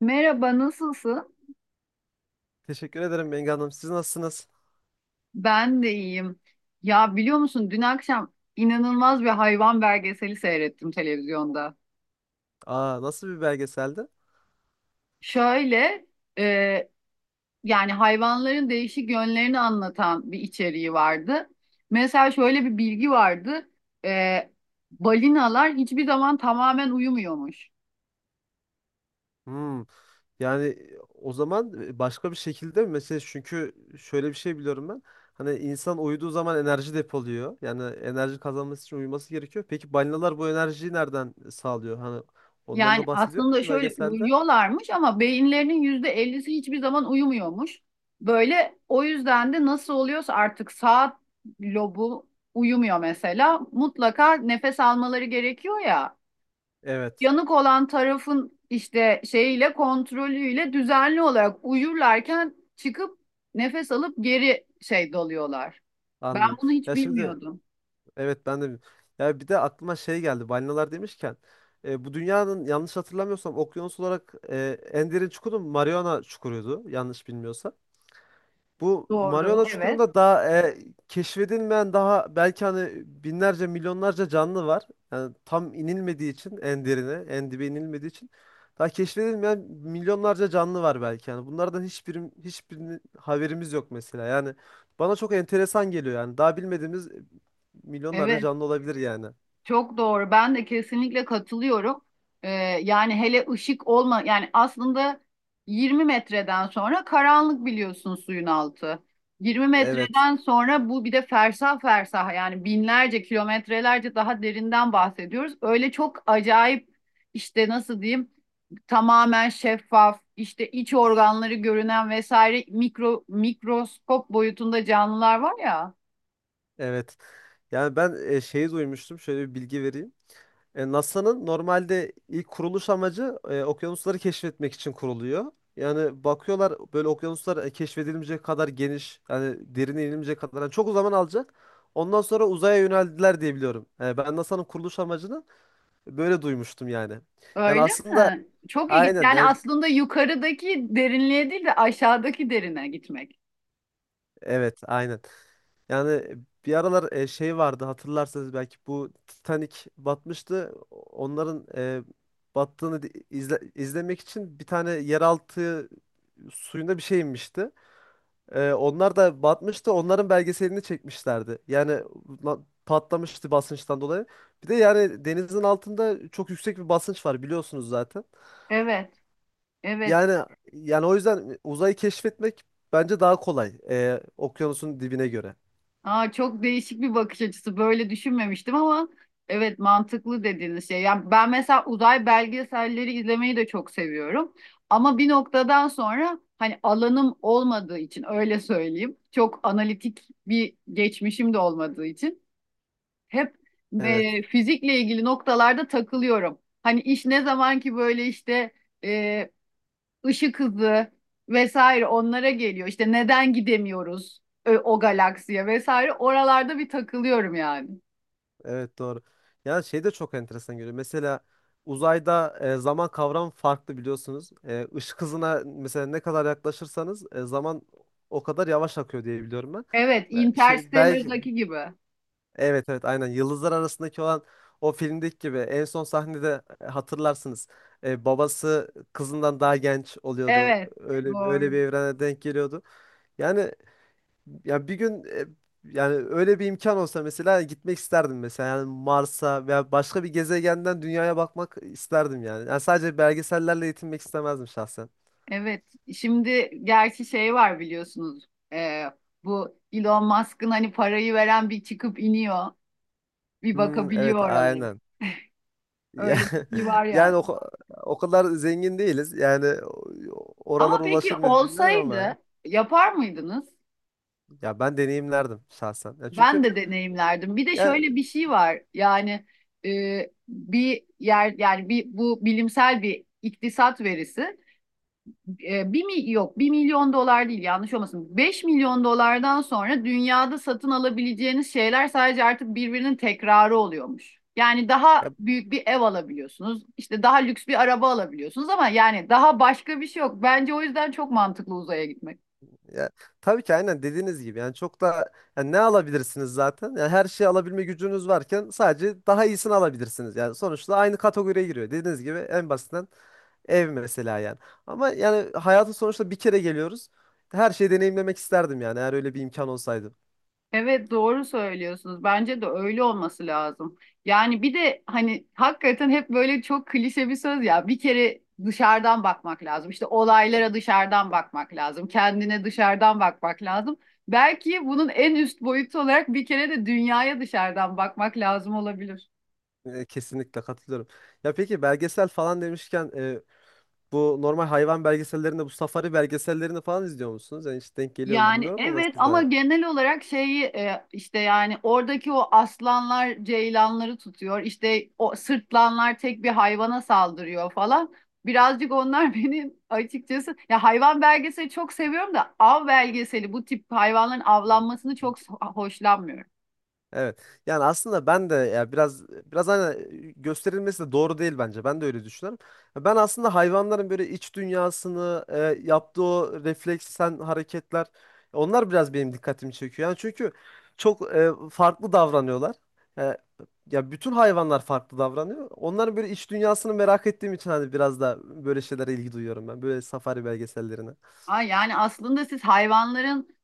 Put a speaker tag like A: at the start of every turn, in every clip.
A: Merhaba, nasılsın?
B: Teşekkür ederim Bengi Hanım. Siz nasılsınız?
A: Ben de iyiyim. Ya biliyor musun dün akşam inanılmaz bir hayvan belgeseli seyrettim televizyonda.
B: Aa, nasıl bir belgeseldi?
A: Şöyle e, yani hayvanların değişik yönlerini anlatan bir içeriği vardı. Mesela şöyle bir bilgi vardı. E, balinalar hiçbir zaman tamamen uyumuyormuş.
B: Hmm. Yani o zaman başka bir şekilde mi? Mesela çünkü şöyle bir şey biliyorum ben. Hani insan uyuduğu zaman enerji depoluyor. Yani enerji kazanması için uyuması gerekiyor. Peki balinalar bu enerjiyi nereden sağlıyor? Hani ondan
A: Yani
B: da bahsediyor mu
A: aslında şöyle
B: belgeselde?
A: uyuyorlarmış ama beyinlerinin %50'si hiçbir zaman uyumuyormuş. Böyle o yüzden de nasıl oluyorsa artık saat lobu uyumuyor mesela. Mutlaka nefes almaları gerekiyor ya.
B: Evet.
A: Yanık olan tarafın işte şeyiyle, kontrolüyle düzenli olarak uyurlarken çıkıp nefes alıp geri şey doluyorlar. Ben
B: Anladım.
A: bunu hiç
B: Ya şimdi
A: bilmiyordum.
B: Evet ben de, ya bir de aklıma şey geldi balinalar demişken, bu dünyanın yanlış hatırlamıyorsam okyanus olarak en derin çukuru Mariana çukuruydu yanlış bilmiyorsam. Bu
A: Doğru,
B: Mariana
A: evet.
B: Çukuru'nda daha keşfedilmeyen daha belki hani binlerce milyonlarca canlı var. Yani tam inilmediği için en derine, en dibe inilmediği için daha keşfedilmeyen milyonlarca canlı var belki yani. Bunlardan hiçbirinin haberimiz yok mesela. Yani bana çok enteresan geliyor yani. Daha bilmediğimiz milyonlarca
A: Evet.
B: canlı olabilir yani.
A: Çok doğru. Ben de kesinlikle katılıyorum. Ee, yani hele ışık olma, yani aslında 20 metreden sonra karanlık, biliyorsun, suyun altı. 20
B: Evet.
A: metreden sonra, bu bir de fersah fersah, yani binlerce kilometrelerce daha derinden bahsediyoruz. Öyle çok acayip, işte nasıl diyeyim, tamamen şeffaf, işte iç organları görünen vesaire mikroskop boyutunda canlılar var ya.
B: Evet. Yani ben şeyi duymuştum. Şöyle bir bilgi vereyim. NASA'nın normalde ilk kuruluş amacı okyanusları keşfetmek için kuruluyor. Yani bakıyorlar böyle okyanuslar keşfedilmeyecek kadar geniş, yani derine inilmeyecek kadar yani çok zaman alacak. Ondan sonra uzaya yöneldiler diye biliyorum. Ben NASA'nın kuruluş amacını böyle duymuştum yani. Yani
A: Öyle
B: aslında
A: mi? Çok ilginç.
B: aynen
A: Yani
B: yani,
A: aslında yukarıdaki derinliğe değil de aşağıdaki derine gitmek.
B: evet aynen. Yani bir aralar şey vardı hatırlarsanız belki, bu Titanic batmıştı. Onların battığını izlemek için bir tane yeraltı suyunda bir şey inmişti. Onlar da batmıştı. Onların belgeselini çekmişlerdi. Yani la- patlamıştı basınçtan dolayı. Bir de yani denizin altında çok yüksek bir basınç var biliyorsunuz zaten.
A: Evet, evet.
B: Yani yani o yüzden uzayı keşfetmek bence daha kolay, okyanusun dibine göre.
A: Aa, çok değişik bir bakış açısı. Böyle düşünmemiştim ama evet, mantıklı dediğiniz şey. Yani ben mesela uzay belgeselleri izlemeyi de çok seviyorum. Ama bir noktadan sonra, hani alanım olmadığı için öyle söyleyeyim, çok analitik bir geçmişim de olmadığı için. Hep
B: Evet.
A: fizikle ilgili noktalarda takılıyorum. Hani iş ne zaman ki böyle işte e, ışık hızı vesaire onlara geliyor. İşte neden gidemiyoruz o galaksiye vesaire, oralarda bir takılıyorum yani.
B: Evet doğru. Yani şey de çok enteresan geliyor. Mesela uzayda zaman kavramı farklı biliyorsunuz. Işık hızına mesela ne kadar yaklaşırsanız zaman o kadar yavaş akıyor diye biliyorum ben.
A: Evet,
B: Şey, belki
A: Interstellar'daki gibi.
B: evet evet aynen, yıldızlar arasındaki olan o filmdeki gibi en son sahnede hatırlarsınız. Babası kızından daha genç oluyordu.
A: Evet,
B: Öyle öyle bir
A: doğru.
B: evrene denk geliyordu. Yani ya bir gün, yani öyle bir imkan olsa mesela gitmek isterdim mesela, yani Mars'a veya başka bir gezegenden dünyaya bakmak isterdim yani. Yani sadece belgesellerle yetinmek istemezdim şahsen.
A: Evet, şimdi gerçi şey var, biliyorsunuz. E, bu Elon Musk'ın hani parayı veren bir çıkıp iniyor, bir
B: Hmm,
A: bakabiliyor
B: evet
A: oralara.
B: aynen. Ya,
A: Öyle bir şey var yani.
B: yani o kadar zengin değiliz. Yani
A: Ama
B: oralara
A: peki
B: ulaşır mıyız bilmiyorum ama
A: olsaydı yapar mıydınız?
B: ya ben deneyimlerdim şahsen. Ya çünkü
A: Ben de deneyimlerdim. Bir de
B: ya,
A: şöyle bir şey var. Yani bir yer, yani bir bu bilimsel bir iktisat verisi. Bir mi yok, 1 milyon dolar değil yanlış olmasın, 5 milyon dolardan sonra dünyada satın alabileceğiniz şeyler sadece artık birbirinin tekrarı oluyormuş. Yani daha
B: ya
A: büyük bir ev alabiliyorsunuz. İşte daha lüks bir araba alabiliyorsunuz ama yani daha başka bir şey yok. Bence o yüzden çok mantıklı uzaya gitmek.
B: Ya, tabii ki aynen dediğiniz gibi yani çok da, yani ne alabilirsiniz zaten? Yani her şeyi alabilme gücünüz varken sadece daha iyisini alabilirsiniz. Yani sonuçta aynı kategoriye giriyor. Dediğiniz gibi en basitinden ev mesela yani. Ama yani hayatın sonuçta bir kere geliyoruz. Her şeyi deneyimlemek isterdim yani, eğer öyle bir imkan olsaydı.
A: Evet, doğru söylüyorsunuz. Bence de öyle olması lazım. Yani bir de hani hakikaten hep böyle çok klişe bir söz ya, bir kere dışarıdan bakmak lazım. İşte olaylara dışarıdan bakmak lazım. Kendine dışarıdan bakmak lazım. Belki bunun en üst boyutu olarak bir kere de dünyaya dışarıdan bakmak lazım olabilir.
B: Kesinlikle katılıyorum. Ya peki belgesel falan demişken, bu normal hayvan belgesellerinde, bu safari belgesellerini falan izliyor musunuz? Yani hiç denk geliyor mu
A: Yani
B: bilmiyorum ama
A: evet, ama
B: size.
A: genel olarak şeyi, işte yani oradaki o aslanlar ceylanları tutuyor, İşte o sırtlanlar tek bir hayvana saldırıyor falan. Birazcık onlar benim açıkçası, ya hayvan belgeseli çok seviyorum da av belgeseli, bu tip hayvanların avlanmasını çok hoşlanmıyorum.
B: Evet. Yani aslında ben de, ya biraz hani gösterilmesi de doğru değil bence. Ben de öyle düşünüyorum. Ben aslında hayvanların böyle iç dünyasını, yaptığı o refleksen hareketler, onlar biraz benim dikkatimi çekiyor. Yani çünkü çok farklı davranıyorlar. E, ya bütün hayvanlar farklı davranıyor. Onların böyle iç dünyasını merak ettiğim için hani biraz da böyle şeylere ilgi duyuyorum ben. Böyle safari belgesellerine.
A: Ha, yani aslında siz hayvanların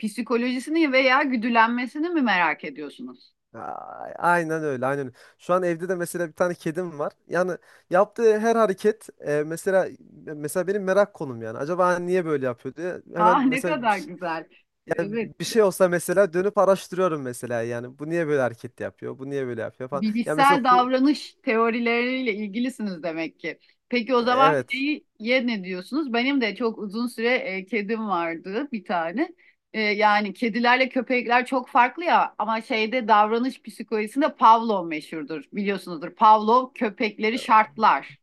A: psikolojisini veya güdülenmesini mi merak ediyorsunuz?
B: Aynen öyle, aynen öyle. Şu an evde de mesela bir tane kedim var. Yani yaptığı her hareket mesela benim merak konum yani. Acaba hani niye böyle yapıyor diye. Hemen
A: Ah, ne
B: mesela bir,
A: kadar güzel. Evet.
B: bir şey olsa mesela dönüp araştırıyorum mesela yani. Bu niye böyle hareket yapıyor? Bu niye böyle yapıyor falan. Ya mesela
A: Bilişsel davranış teorileriyle ilgilisiniz demek ki. Peki o zaman
B: evet.
A: şeyi ye ne diyorsunuz? Benim de çok uzun süre kedim vardı bir tane. Yani kedilerle köpekler çok farklı ya, ama şeyde, davranış psikolojisinde Pavlov meşhurdur, biliyorsunuzdur. Pavlov köpekleri şartlar.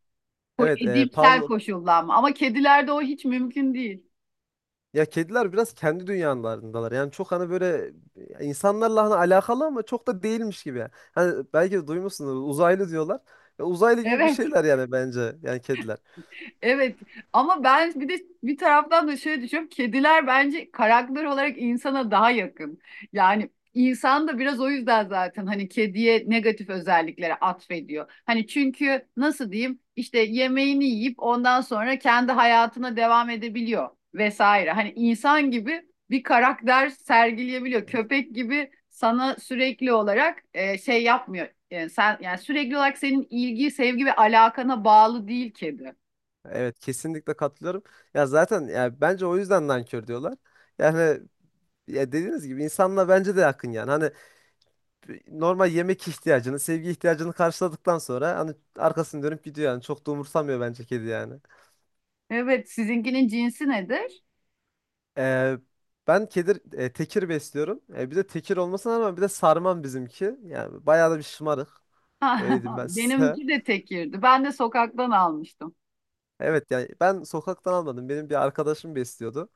A: Ko-
B: Evet,
A: edimsel
B: Pavlov,
A: koşullanma, ama kedilerde o hiç mümkün değil.
B: ya kediler biraz kendi dünyalarındalar. Yani çok hani böyle insanlarla hani alakalı ama çok da değilmiş gibi. Hani belki de duymuşsunuz uzaylı diyorlar. Ya uzaylı gibi bir
A: Evet.
B: şeyler yani bence yani kediler.
A: Evet, ama ben bir de bir taraftan da şöyle düşünüyorum. Kediler bence karakter olarak insana daha yakın. Yani insan da biraz o yüzden zaten hani kediye negatif özelliklere atfediyor. Hani çünkü, nasıl diyeyim, işte yemeğini yiyip ondan sonra kendi hayatına devam edebiliyor vesaire. Hani insan gibi bir karakter sergileyebiliyor. Köpek gibi sana sürekli olarak şey yapmıyor. Yani sen, yani sürekli olarak senin ilgi, sevgi ve alakana bağlı değil kedi.
B: Evet kesinlikle katılıyorum. Ya zaten ya bence o yüzden nankör diyorlar. Yani ya dediğiniz gibi insanla bence de yakın yani. Hani normal yemek ihtiyacını, sevgi ihtiyacını karşıladıktan sonra hani arkasını dönüp gidiyor yani. Çok da umursamıyor bence kedi yani.
A: Evet, sizinkinin cinsi nedir?
B: Ee, ben tekir besliyorum. Bir de tekir olmasına rağmen bir de sarmam bizimki. Yani bayağı da bir şımarık. Öyle diyeyim ben size.
A: Benimki de tekirdi. Ben de sokaktan almıştım.
B: Evet yani ben sokaktan almadım. Benim bir arkadaşım besliyordu.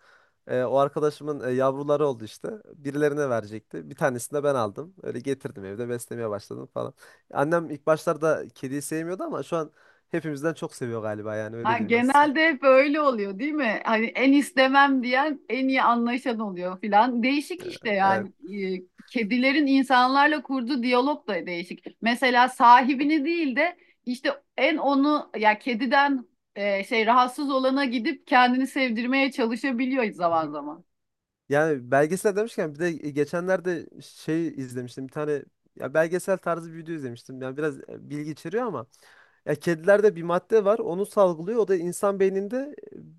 B: O arkadaşımın yavruları oldu işte. Birilerine verecekti. Bir tanesini de ben aldım. Öyle getirdim, evde beslemeye başladım falan. Annem ilk başlarda kediyi sevmiyordu ama şu an hepimizden çok seviyor galiba, yani öyle
A: Ha,
B: diyeyim ben size.
A: genelde hep öyle oluyor, değil mi? Hani en istemem diyen en iyi anlaşan oluyor filan. Değişik işte
B: Evet.
A: yani. Kedilerin insanlarla kurduğu diyalog da değişik. Mesela sahibini değil de işte en onu, ya kediden şey rahatsız olana gidip kendini sevdirmeye çalışabiliyor zaman zaman.
B: Yani belgesel demişken bir de geçenlerde şey izlemiştim. Bir tane ya belgesel tarzı bir video izlemiştim. Yani biraz bilgi içeriyor ama, ya kedilerde bir madde var, onu salgılıyor. O da insan beyninde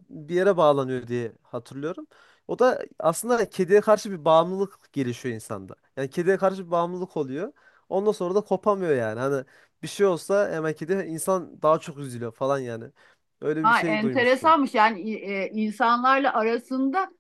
B: bir yere bağlanıyor diye hatırlıyorum. O da aslında kediye karşı bir bağımlılık gelişiyor insanda. Yani kediye karşı bir bağımlılık oluyor. Ondan sonra da kopamıyor yani. Hani bir şey olsa hemen kedi insan daha çok üzülüyor falan yani. Öyle bir
A: Ha,
B: şey duymuştum.
A: enteresanmış, yani insanlarla arasında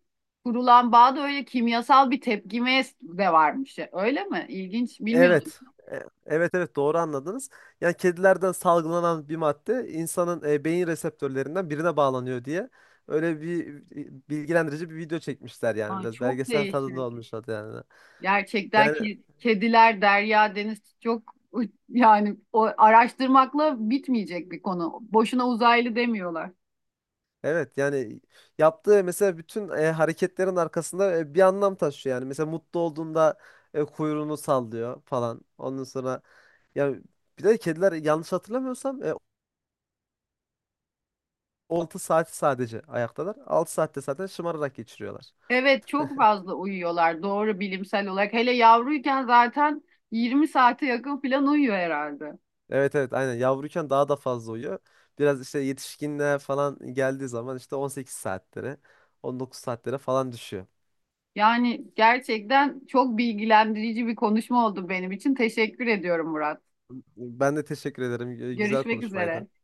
A: kurulan bağda öyle kimyasal bir tepkime de varmış. Öyle mi? İlginç. Bilmiyordum.
B: Evet. Evet evet doğru anladınız. Yani kedilerden salgılanan bir madde insanın beyin reseptörlerinden birine bağlanıyor diye, öyle bir bilgilendirici bir video çekmişler, yani
A: Ay,
B: biraz
A: çok
B: belgesel tadında
A: değişik.
B: olmuş adı yani.
A: Gerçekten
B: Yani
A: ki kediler derya, deniz, çok, yani o araştırmakla bitmeyecek bir konu. Boşuna uzaylı demiyorlar.
B: evet yani, yaptığı mesela bütün hareketlerin arkasında bir anlam taşıyor yani. Mesela mutlu olduğunda kuyruğunu sallıyor falan. Ondan sonra yani, bir de kediler yanlış hatırlamıyorsam 6 saati sadece ayaktalar. 6 saatte zaten şımararak geçiriyorlar.
A: Evet, çok fazla uyuyorlar, doğru, bilimsel olarak. Hele yavruyken zaten 20 saate yakın falan uyuyor herhalde.
B: Evet evet aynen yavruyken daha da fazla uyuyor. Biraz işte yetişkinliğe falan geldiği zaman işte 18 saatlere, 19 saatlere falan düşüyor.
A: Yani gerçekten çok bilgilendirici bir konuşma oldu benim için. Teşekkür ediyorum, Murat.
B: Ben de teşekkür ederim. Güzel
A: Görüşmek üzere.
B: konuşmaydı.